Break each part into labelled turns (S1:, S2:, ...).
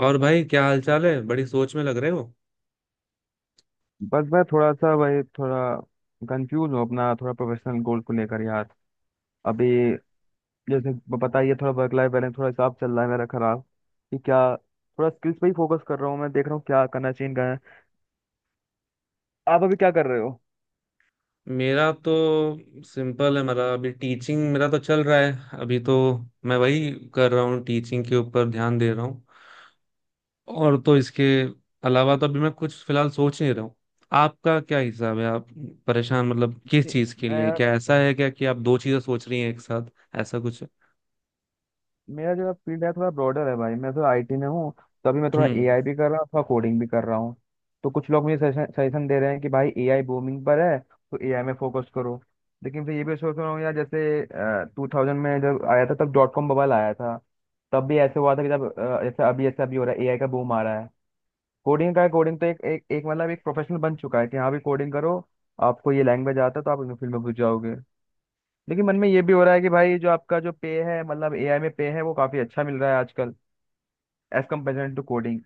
S1: और भाई क्या हाल चाल है, बड़ी सोच में लग रहे हो।
S2: बस मैं थोड़ा सा वही थोड़ा कंफ्यूज हूँ अपना थोड़ा प्रोफेशनल गोल को लेकर यार अभी। जैसे पता ही है थोड़ा वर्क लाइफ बैलेंस थोड़ा हिसाब चल रहा है मेरा खराब। कि क्या थोड़ा स्किल्स पे ही फोकस कर रहा हूँ मैं देख रहा हूँ क्या करना चाहिए क्या नहीं। आप अभी क्या कर रहे हो?
S1: मेरा तो सिंपल है, मेरा अभी टीचिंग मेरा तो चल रहा है अभी तो। मैं वही कर रहा हूँ, टीचिंग के ऊपर ध्यान दे रहा हूँ। और तो इसके अलावा तो अभी मैं कुछ फिलहाल सोच नहीं रहा हूँ। आपका क्या हिसाब है? आप परेशान मतलब किस चीज़ के लिए?
S2: मैं
S1: क्या ऐसा है क्या कि आप दो चीज़ें सोच रही हैं एक साथ? ऐसा कुछ है?
S2: मेरा जो फील्ड है थोड़ा ब्रॉडर है भाई मैं थोड़ा आईटी में हूँ। तभी मैं थोड़ा
S1: हम्म,
S2: एआई भी कर रहा हूँ थोड़ा कोडिंग भी कर रहा हूँ। तो कुछ लोग मुझे सजेशन दे रहे हैं कि भाई एआई बूमिंग पर है तो एआई में फोकस करो। लेकिन फिर ये भी सोच रहा हूँ यार, जैसे 2000 में जब आया था तब डॉट कॉम बबल आया था। तब भी ऐसे हुआ था कि जब जैसे अभी ऐसा अभी हो रहा है एआई का बूम आ रहा है। कोडिंग का कोडिंग तो एक एक एक मतलब एक प्रोफेशनल बन चुका है कि हाँ भी कोडिंग करो। आपको ये लैंग्वेज आता है तो आप इस फील्ड में घुस जाओगे। लेकिन मन में ये भी हो रहा है कि भाई जो आपका जो पे है मतलब एआई में पे है वो काफी अच्छा मिल रहा है आजकल, एज कम्पेयर टू कोडिंग।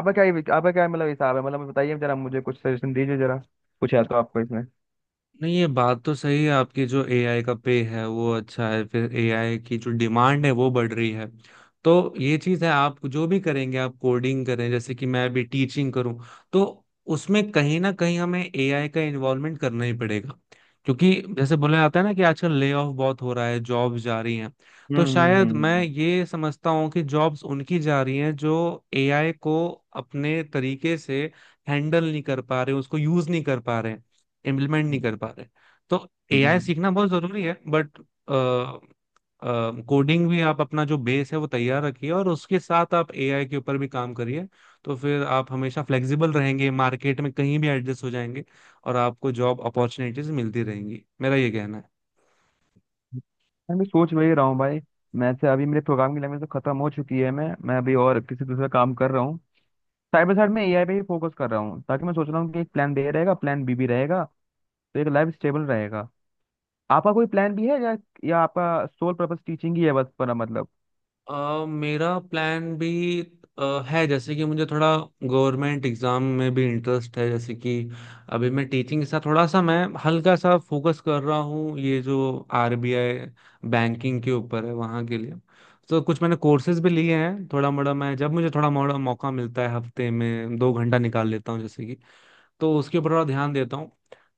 S2: आपका क्या मतलब हिसाब है मतलब बताइए जरा मुझे कुछ सजेशन दीजिए जरा, कुछ है तो आपको इसमें।
S1: नहीं ये बात तो सही है आपकी, जो एआई का पे है वो अच्छा है, फिर एआई की जो डिमांड है वो बढ़ रही है। तो ये चीज़ है, आप जो भी करेंगे, आप कोडिंग करें जैसे कि मैं अभी टीचिंग करूं, तो उसमें कहीं ना कहीं हमें एआई का इन्वॉल्वमेंट करना ही पड़ेगा। क्योंकि जैसे बोला जाता है ना कि आजकल ले ऑफ बहुत हो रहा है, जॉब जा रही हैं। तो
S2: हम्म हम्म,
S1: शायद मैं
S2: हम्म,
S1: ये समझता हूँ कि जॉब्स उनकी जा रही हैं जो एआई को अपने तरीके से हैंडल नहीं कर पा रहे, उसको यूज नहीं कर पा रहे, इम्प्लीमेंट नहीं कर
S2: हम्म,
S1: पा रहे। तो एआई
S2: हम्म।
S1: सीखना बहुत जरूरी है, बट कोडिंग भी आप अपना जो बेस है वो तैयार रखिए, और उसके साथ आप एआई के ऊपर भी काम करिए। तो फिर आप हमेशा फ्लेक्सिबल रहेंगे, मार्केट में कहीं भी एडजस्ट हो जाएंगे, और आपको जॉब अपॉर्चुनिटीज मिलती रहेंगी। मेरा ये कहना है।
S2: मैं भी सोच वही रहा हूँ भाई। मैं से अभी मेरे प्रोग्राम की लैंग्वेज तो खत्म हो चुकी है। मैं अभी और किसी दूसरा काम कर रहा हूँ। साइड बाई साइड में एआई पे ही फोकस कर रहा हूँ ताकि मैं सोच रहा हूँ कि एक प्लान बी रहेगा प्लान बी भी रहेगा तो एक लाइफ स्टेबल रहेगा। आपका कोई प्लान भी है या आपका सोल पर्पस टीचिंग ही है बस पर मतलब?
S1: मेरा प्लान भी है, जैसे कि मुझे थोड़ा गवर्नमेंट एग्जाम में भी इंटरेस्ट है। जैसे कि अभी मैं टीचिंग के साथ थोड़ा सा मैं हल्का सा फोकस कर रहा हूँ, ये जो आरबीआई बैंकिंग के ऊपर है वहाँ के लिए। तो कुछ मैंने कोर्सेज भी लिए हैं थोड़ा मोड़ा, मैं जब मुझे थोड़ा मोड़ा मौका मिलता है हफ्ते में 2 घंटा निकाल लेता हूँ, जैसे कि। तो उसके ऊपर थोड़ा ध्यान देता हूँ।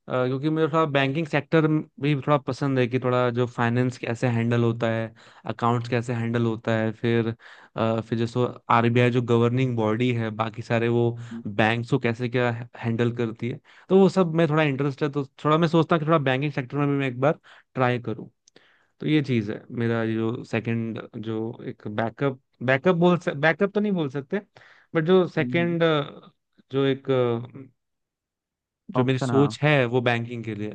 S1: क्योंकि मुझे थोड़ा बैंकिंग सेक्टर भी थोड़ा पसंद है कि थोड़ा जो फाइनेंस कैसे हैंडल होता है, अकाउंट्स कैसे हैंडल होता है। फिर फिर जैसे आरबीआई जो गवर्निंग बॉडी है, बाकी सारे वो बैंक्स को कैसे क्या हैंडल करती है, तो वो सब में थोड़ा इंटरेस्ट है। तो थोड़ा मैं सोचता हूँ कि थोड़ा बैंकिंग सेक्टर में भी मैं एक बार ट्राई करूँ। तो ये चीज़ है, मेरा जो सेकंड जो एक बैकअप, बैकअप बोल, बैकअप तो नहीं बोल सकते बट जो
S2: हम्म,
S1: सेकंड जो एक जो मेरी
S2: ऑप्शन, हाँ।
S1: सोच है वो बैंकिंग के लिए।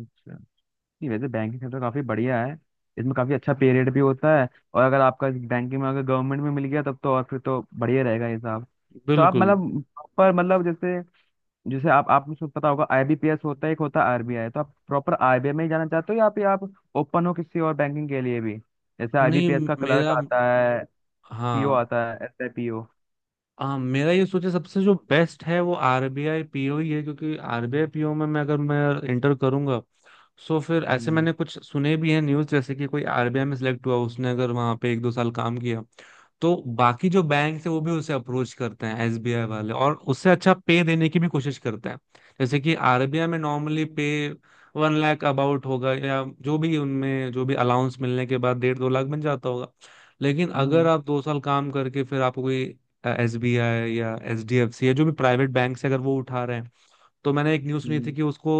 S2: अच्छा। नहीं वैसे बैंकिंग सेक्टर काफी बढ़िया है। इसमें काफी अच्छा पे रेट भी होता है। और अगर आपका बैंकिंग में अगर गवर्नमेंट में मिल गया तब तो और फिर तो बढ़िया रहेगा ये हिसाब। तो आप
S1: बिल्कुल
S2: मतलब प्रॉपर मतलब जैसे जैसे आप आपको सब पता होगा आईबीपीएस होता है एक होता है आरबीआई। तो आप प्रॉपर आरबीआई में ही जाना चाहते हो या फिर आप ओपन हो किसी और बैंकिंग के लिए भी? जैसे
S1: नहीं,
S2: आईबीपीएस का क्लर्क
S1: मेरा
S2: आता है, पीओ
S1: हाँ।
S2: आता है, एसआईपीओ।
S1: मेरा ये सोचे सबसे जो बेस्ट है वो आरबीआई पीओ ही है, क्योंकि आरबीआई पीओ में मैं, अगर मैं इंटर करूंगा, सो फिर ऐसे
S2: हम्म
S1: मैंने कुछ सुने भी हैं न्यूज़, जैसे कि कोई आरबीआई में सिलेक्ट हुआ, उसने अगर वहां पे 1-2 साल काम किया, तो बाकी जो बैंक है वो भी उसे अप्रोच करते हैं, एसबीआई वाले, और उससे अच्छा पे देने की भी कोशिश करते हैं। जैसे कि आरबीआई में नॉर्मली पे 1 लाख अबाउट होगा, या जो भी उनमें जो भी अलाउंस मिलने के बाद 1.5-2 लाख बन जाता होगा। लेकिन अगर आप 2 साल काम करके फिर आपको कोई एस बी आई या एच डी एफ सी या जो भी प्राइवेट बैंक से अगर वो उठा रहे हैं, तो मैंने एक न्यूज़ सुनी थी
S2: हम्म।
S1: कि उसको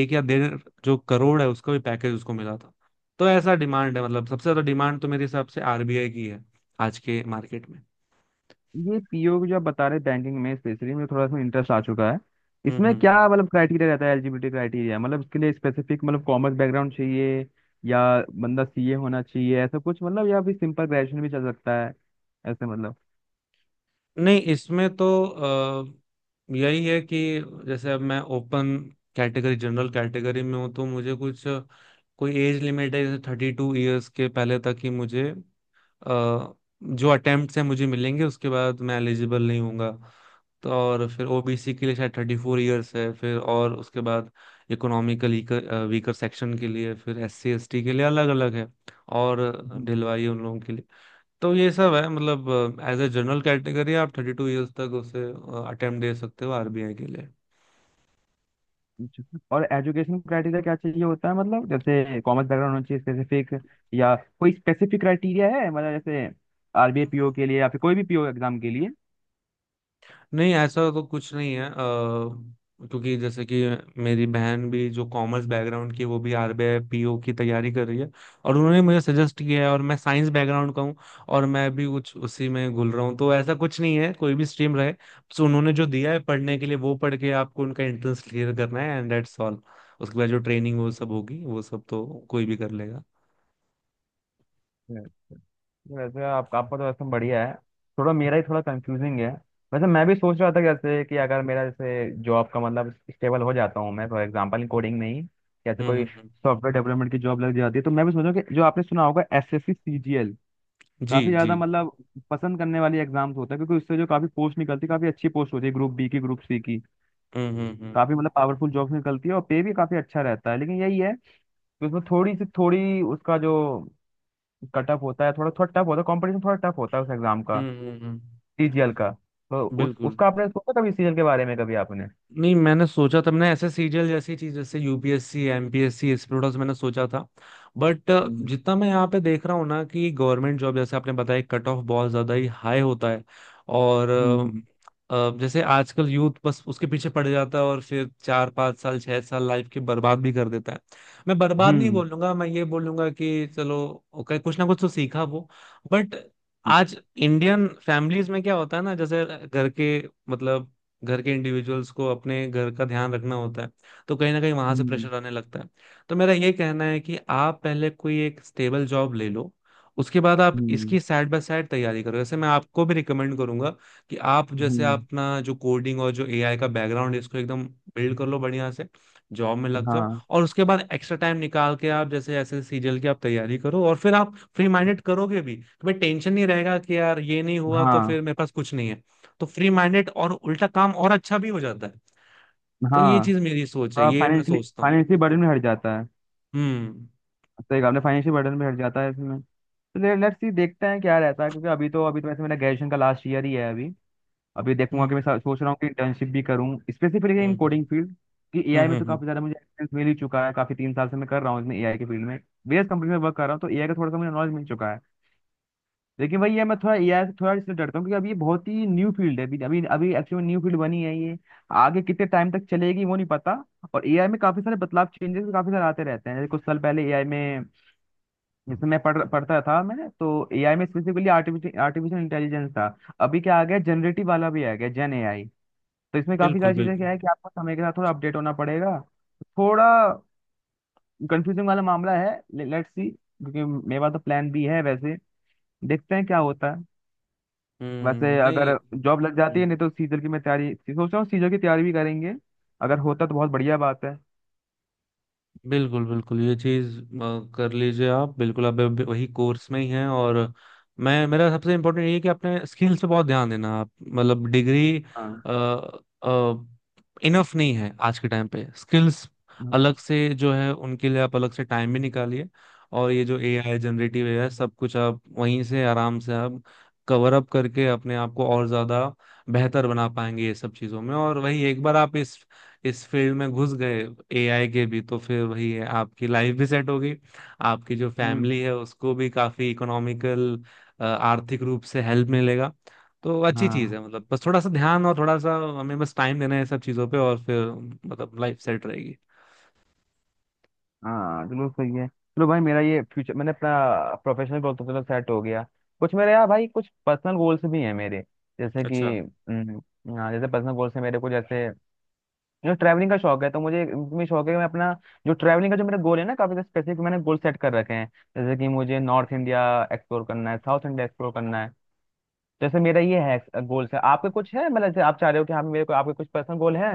S1: 1 या 1.5 करोड़ है उसका भी पैकेज उसको मिला था। तो ऐसा डिमांड है, मतलब सबसे ज्यादा डिमांड तो मेरे हिसाब से आरबीआई की है आज के मार्केट में।
S2: ये पीओ जो आप बता रहे बैंकिंग में स्पेशली मुझे थोड़ा सा इंटरेस्ट आ चुका है।
S1: हम्म
S2: इसमें क्या
S1: हम्म।
S2: मतलब क्राइटेरिया रहता है एलिजिबिलिटी क्राइटेरिया मतलब इसके लिए स्पेसिफिक मतलब कॉमर्स बैकग्राउंड चाहिए या बंदा सीए होना चाहिए ऐसा कुछ मतलब या फिर सिंपल ग्रेजुएशन भी चल सकता है ऐसे मतलब?
S1: नहीं, इसमें तो यही है कि जैसे अब मैं ओपन कैटेगरी, जनरल कैटेगरी में हूँ, तो मुझे कुछ कोई एज लिमिट है, जैसे 32 ईयर्स के पहले तक ही मुझे अ, जो अटेम्प्ट हैं मुझे मिलेंगे, उसके बाद मैं एलिजिबल नहीं होऊंगा। तो और फिर ओबीसी के लिए शायद 34 ईयर्स है, फिर और उसके बाद इकोनॉमिकल वीकर सेक्शन के लिए, फिर एस सी एस टी के लिए अलग अलग है और
S2: हम्म,
S1: ढलवाई उन लोगों के लिए। तो ये सब है, मतलब एज ए जनरल कैटेगरी आप 32 ईयर्स तक उसे अटेम्प्ट दे सकते हो आरबीआई के लिए।
S2: अच्छा। और एजुकेशन क्राइटेरिया क्या चाहिए होता है मतलब जैसे कॉमर्स बैकग्राउंड होना चाहिए स्पेसिफिक या कोई स्पेसिफिक क्राइटेरिया है मतलब जैसे आरबीए पीओ के लिए या फिर कोई भी पीओ एग्जाम के
S1: नहीं ऐसा तो कुछ नहीं है। क्योंकि जैसे कि मेरी बहन भी जो कॉमर्स बैकग्राउंड की है, वो भी आरबीआई पीओ की तैयारी कर रही है, और उन्होंने मुझे सजेस्ट किया है। और मैं साइंस बैकग्राउंड का हूँ और मैं भी कुछ उसी में घुल रहा हूँ, तो ऐसा कुछ नहीं है, कोई भी स्ट्रीम रहे। सो उन्होंने जो दिया है पढ़ने के लिए वो पढ़ के आपको उनका एंट्रेंस क्लियर करना है, एंड दैट्स ऑल। उसके बाद जो ट्रेनिंग वो सब होगी, वो सब तो कोई भी कर लेगा।
S2: लिए? वैसे आप आपका तो वैसे बढ़िया है। थोड़ा मेरा ही थोड़ा कंफ्यूजिंग है। वैसे मैं भी सोच रहा था जैसे कि अगर मेरा जैसे जॉब का मतलब स्टेबल हो जाता हूँ मैं फॉर एग्जांपल कोडिंग में ही। जैसे
S1: हम्म
S2: कोई
S1: हम्म हम्म।
S2: सॉफ्टवेयर डेवलपमेंट की जॉब लग जाती है तो मैं भी सोच रहा हूँ कि जो आपने सुना होगा एसएससी सीजीएल
S1: जी
S2: काफी
S1: जी।
S2: ज्यादा मतलब पसंद करने वाली एग्जाम्स होता है क्योंकि उससे जो काफी पोस्ट निकलती है काफी अच्छी पोस्ट होती है ग्रुप बी की ग्रुप सी की,
S1: हम्म।
S2: काफी मतलब पावरफुल जॉब्स निकलती है और पे भी काफी अच्छा रहता है। लेकिन यही है कि उसमें थोड़ी उसका जो कट ऑफ होता है थोड़ा थोड़ा टफ होता है कॉम्पिटिशन थोड़ा टफ होता है उस एग्जाम का,
S1: हम्म हम्म हम्म।
S2: सीजीएल का। तो उस
S1: बिल्कुल,
S2: उसका आपने सोचा कभी सीजीएल के बारे में कभी आपने?
S1: नहीं मैंने सोचा था, मैंने ऐसे सीरियल जैसी चीज, जैसे यूपीएससी, एमपीएससी, इस प्रोडक्ट्स मैंने सोचा था, बट
S2: हम्म
S1: जितना मैं यहाँ पे देख रहा हूँ ना कि गवर्नमेंट जॉब, जैसे आपने बताया, कट ऑफ बहुत ज्यादा ही हाई होता है। और
S2: हम्म
S1: जैसे आजकल यूथ बस उसके पीछे पड़ जाता है, और फिर 4-5 साल 6 साल लाइफ की बर्बाद भी कर देता है। मैं बर्बाद नहीं
S2: हम्म
S1: बोलूंगा, मैं ये बोलूंगा कि चलो ओके, कुछ ना कुछ तो सीखा वो। बट आज इंडियन फैमिलीज में क्या होता है ना, जैसे घर के मतलब घर के इंडिविजुअल्स को अपने घर का ध्यान रखना होता है, तो कहीं ना कहीं वहां से
S2: हम्म
S1: प्रेशर आने लगता है। तो मेरा ये कहना है कि आप पहले कोई एक स्टेबल जॉब ले लो, उसके बाद आप इसकी
S2: हम्म
S1: साइड बाय साइड तैयारी करो। जैसे मैं आपको भी रिकमेंड करूंगा कि आप जैसे
S2: हम्म,
S1: अपना जो कोडिंग और जो एआई का बैकग्राउंड है इसको एकदम बिल्ड कर लो बढ़िया से, जॉब में लग जाओ,
S2: हाँ
S1: और उसके बाद एक्स्ट्रा टाइम निकाल के आप जैसे ऐसे सीजल की आप तैयारी करो। और फिर आप फ्री माइंडेड करोगे भी, तुम्हें टेंशन नहीं रहेगा कि यार ये नहीं हुआ तो फिर
S2: हाँ
S1: मेरे पास कुछ नहीं है। तो फ्री माइंडेड और उल्टा काम और अच्छा भी हो जाता है। तो ये
S2: हाँ।
S1: चीज मेरी सोच है,
S2: थोड़ा
S1: ये मैं सोचता हूँ।
S2: फाइनेंशियल बर्डन भी हट जाता है।
S1: हम्म
S2: सही कहा आपने फाइनेंशियल बर्डन भी हट जाता है इसमें। तो लेट्स सी देखते हैं क्या रहता है क्योंकि अभी तो वैसे मेरा ग्रेजुएशन का लास्ट ईयर ही है अभी। अभी देखूंगा
S1: हम्म
S2: कि मैं सोच रहा हूँ कि इंटर्नशिप भी करूँ specifically
S1: hmm.
S2: In coding field. कि एआई में तो
S1: हम्म।
S2: काफी ज्यादा मुझे एक्सपीरियंस मिल ही चुका है काफी 3 साल से मैं कर रहा हूँ इसमें एआई के फील्ड में वेरियस कंपनी में वर्क कर रहा हूँ तो एआई का थोड़ा सा मुझे नॉलेज मिल चुका है। लेकिन भाई ये मैं थोड़ा एआई से थोड़ा इसलिए डरता हूँ क्योंकि अभी ये बहुत ही न्यू फील्ड है अभी अभी अभी एक्चुअली न्यू फील्ड बनी है ये। आगे कितने टाइम तक चलेगी वो नहीं पता। और एआई में काफी सारे बदलाव चेंजेस भी काफी सारे आते रहते हैं जैसे कुछ साल पहले एआई में जैसे मैं पढ़ता था। मैंने तो एआई में स्पेसिफिकली आर्टिफिशियल आर्टिफिशियल इंटेलिजेंस था। अभी क्या आ गया जनरेटिव वाला भी आ गया जेन एआई। तो इसमें काफी
S1: बिल्कुल
S2: सारी चीजें
S1: बिल्कुल।
S2: क्या है कि आपको समय के साथ थोड़ा अपडेट होना पड़ेगा। थोड़ा कंफ्यूजिंग वाला मामला है। लेट्स सी क्योंकि मेरे पास तो प्लान भी है वैसे, देखते हैं क्या होता है। वैसे
S1: हम्म,
S2: अगर
S1: नहीं।
S2: जॉब लग जाती है
S1: हम्म।
S2: नहीं तो सीजल की मैं तैयारी सोच रहा हूँ सीजल की तैयारी भी करेंगे। अगर होता तो बहुत बढ़िया बात है।
S1: बिल्कुल बिल्कुल, ये चीज कर लीजिए आप बिल्कुल। आप अभी वही कोर्स में ही हैं, और मैं मेरा सबसे इम्पोर्टेंट ये है कि अपने स्किल्स पे बहुत ध्यान देना आप, मतलब डिग्री
S2: हाँ।
S1: इनफ नहीं है आज के टाइम पे। स्किल्स अलग से जो है उनके लिए आप अलग से टाइम भी निकालिए, और ये जो एआई, जनरेटिव एआई, सब कुछ आप वहीं से आराम से आप कवर अप करके अपने आप को और ज्यादा बेहतर बना पाएंगे ये सब चीजों में। और वही, एक बार आप इस फील्ड में घुस गए एआई के भी, तो फिर वही है, आपकी लाइफ भी सेट होगी, आपकी जो
S2: हम्म।
S1: फैमिली है उसको भी काफी इकोनॉमिकल, आर्थिक रूप से हेल्प मिलेगा। तो अच्छी चीज
S2: हाँ।
S1: है, मतलब बस थोड़ा सा ध्यान और थोड़ा सा हमें बस टाइम देना है सब चीजों पे, और फिर मतलब लाइफ सेट रहेगी।
S2: हाँ। चलो सही है। चलो भाई मेरा ये फ्यूचर मैंने अपना प्रोफेशनल गोल तो चलो सेट हो गया। कुछ मेरे यार भाई कुछ पर्सनल गोल्स भी हैं मेरे जैसे कि।
S1: अच्छा।
S2: हम्म, हाँ। जैसे पर्सनल गोल्स है मेरे को जैसे मुझे ट्रैवलिंग का शौक है तो मुझे इसमें शौक है कि मैं अपना जो ट्रैवलिंग का जो मेरा गोल है ना काफी स्पेसिफिक मैंने गोल सेट कर रखे हैं जैसे कि मुझे नॉर्थ इंडिया एक्सप्लोर करना है साउथ इंडिया एक्सप्लोर करना है जैसे मेरा ये है गोल्स है। आपके कुछ है मतलब जैसे आप चाह रहे हो कि हाँ मेरे को आपके कुछ पर्सनल गोल हैं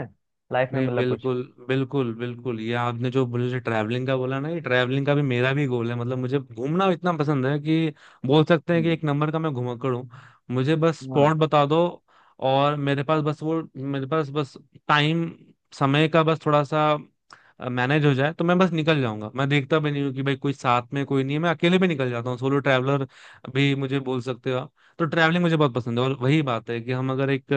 S2: लाइफ में
S1: नहीं
S2: मतलब कुछ?
S1: बिल्कुल बिल्कुल। बिल्कुल, ये आपने जो मुझे ट्रैवलिंग का बोला ना, ये ट्रैवलिंग का भी मेरा भी गोल है। मतलब मुझे घूमना इतना पसंद है कि बोल सकते हैं कि
S2: हम्म,
S1: एक नंबर का मैं घुमक्कड़ हूँ। मुझे बस
S2: हाँ।
S1: स्पॉट बता दो और मेरे पास बस वो, मेरे पास बस टाइम, समय का बस थोड़ा सा मैनेज हो जाए, तो मैं बस निकल जाऊंगा। मैं देखता भी नहीं हूँ कि भाई कोई साथ में कोई नहीं है, मैं अकेले भी निकल जाता हूँ। सोलो ट्रैवलर भी मुझे बोल सकते हो आप। तो ट्रैवलिंग मुझे बहुत पसंद है, और वही बात है कि हम अगर एक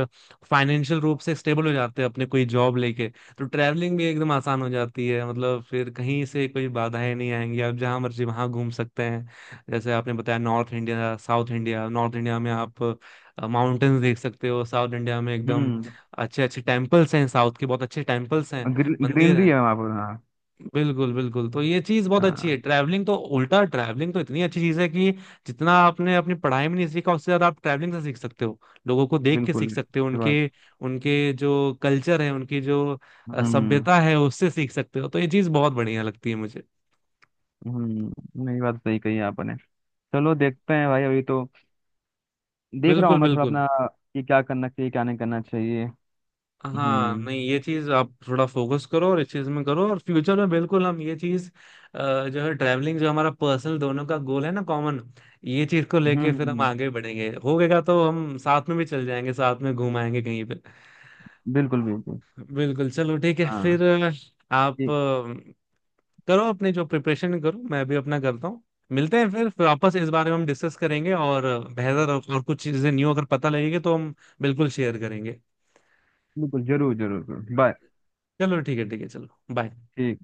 S1: फाइनेंशियल रूप से स्टेबल हो जाते हैं अपने कोई जॉब लेके, तो ट्रैवलिंग भी एकदम आसान हो जाती है। मतलब फिर कहीं से कोई बाधाएं नहीं आएंगी, आप जहाँ मर्जी वहाँ घूम सकते हैं। जैसे आपने बताया north India, south India, north India में आप माउंटेन्स देख सकते हो, साउथ इंडिया में एकदम
S2: हम्म।
S1: अच्छे अच्छे टेम्पल्स हैं, साउथ के बहुत अच्छे टेम्पल्स हैं, मंदिर
S2: ग्रीनरी
S1: हैं।
S2: है वहाँ पर, हाँ।
S1: बिल्कुल बिल्कुल। तो ये चीज बहुत अच्छी है
S2: हाँ
S1: ट्रैवलिंग, तो उल्टा ट्रैवलिंग तो इतनी अच्छी चीज है कि जितना आपने अपनी पढ़ाई में नहीं सीखा उससे ज्यादा आप ट्रैवलिंग से सीख सकते हो। लोगों को देख के सीख
S2: बिल्कुल
S1: सकते हो,
S2: ये
S1: उनके
S2: बात।
S1: उनके जो कल्चर है, उनकी जो
S2: हम्म।
S1: सभ्यता है, उससे सीख सकते हो। तो ये चीज बहुत बढ़िया लगती है मुझे।
S2: नहीं बात सही कही आपने। चलो देखते हैं भाई अभी तो देख रहा हूँ
S1: बिल्कुल
S2: मैं थोड़ा
S1: बिल्कुल।
S2: अपना कि क्या करना चाहिए क्या नहीं करना चाहिए।
S1: हाँ,
S2: हम्म
S1: नहीं ये चीज आप थोड़ा फोकस करो, और इस चीज में करो, और फ्यूचर में बिल्कुल हम ये चीज जो है ट्रैवलिंग, जो हमारा पर्सनल दोनों का गोल है ना, कॉमन, ये चीज को लेके फिर हम
S2: हम्म।
S1: आगे बढ़ेंगे, हो गएगा तो हम साथ में भी चल जाएंगे, साथ में घुमाएंगे कहीं पे।
S2: बिल्कुल बिल्कुल।
S1: बिल्कुल चलो, ठीक है
S2: हाँ।
S1: फिर। आप
S2: ठीक।
S1: करो अपने जो प्रिपरेशन करो, मैं भी अपना करता हूँ। मिलते हैं फिर वापस इस बारे में हम डिस्कस करेंगे, और बेहतर और कुछ चीजें न्यू अगर पता लगेगी तो हम बिल्कुल शेयर करेंगे।
S2: बिल्कुल जरूर जरूर जरूर। बाय।
S1: चलो ठीक है, ठीक है चलो। बाय।
S2: ठीक।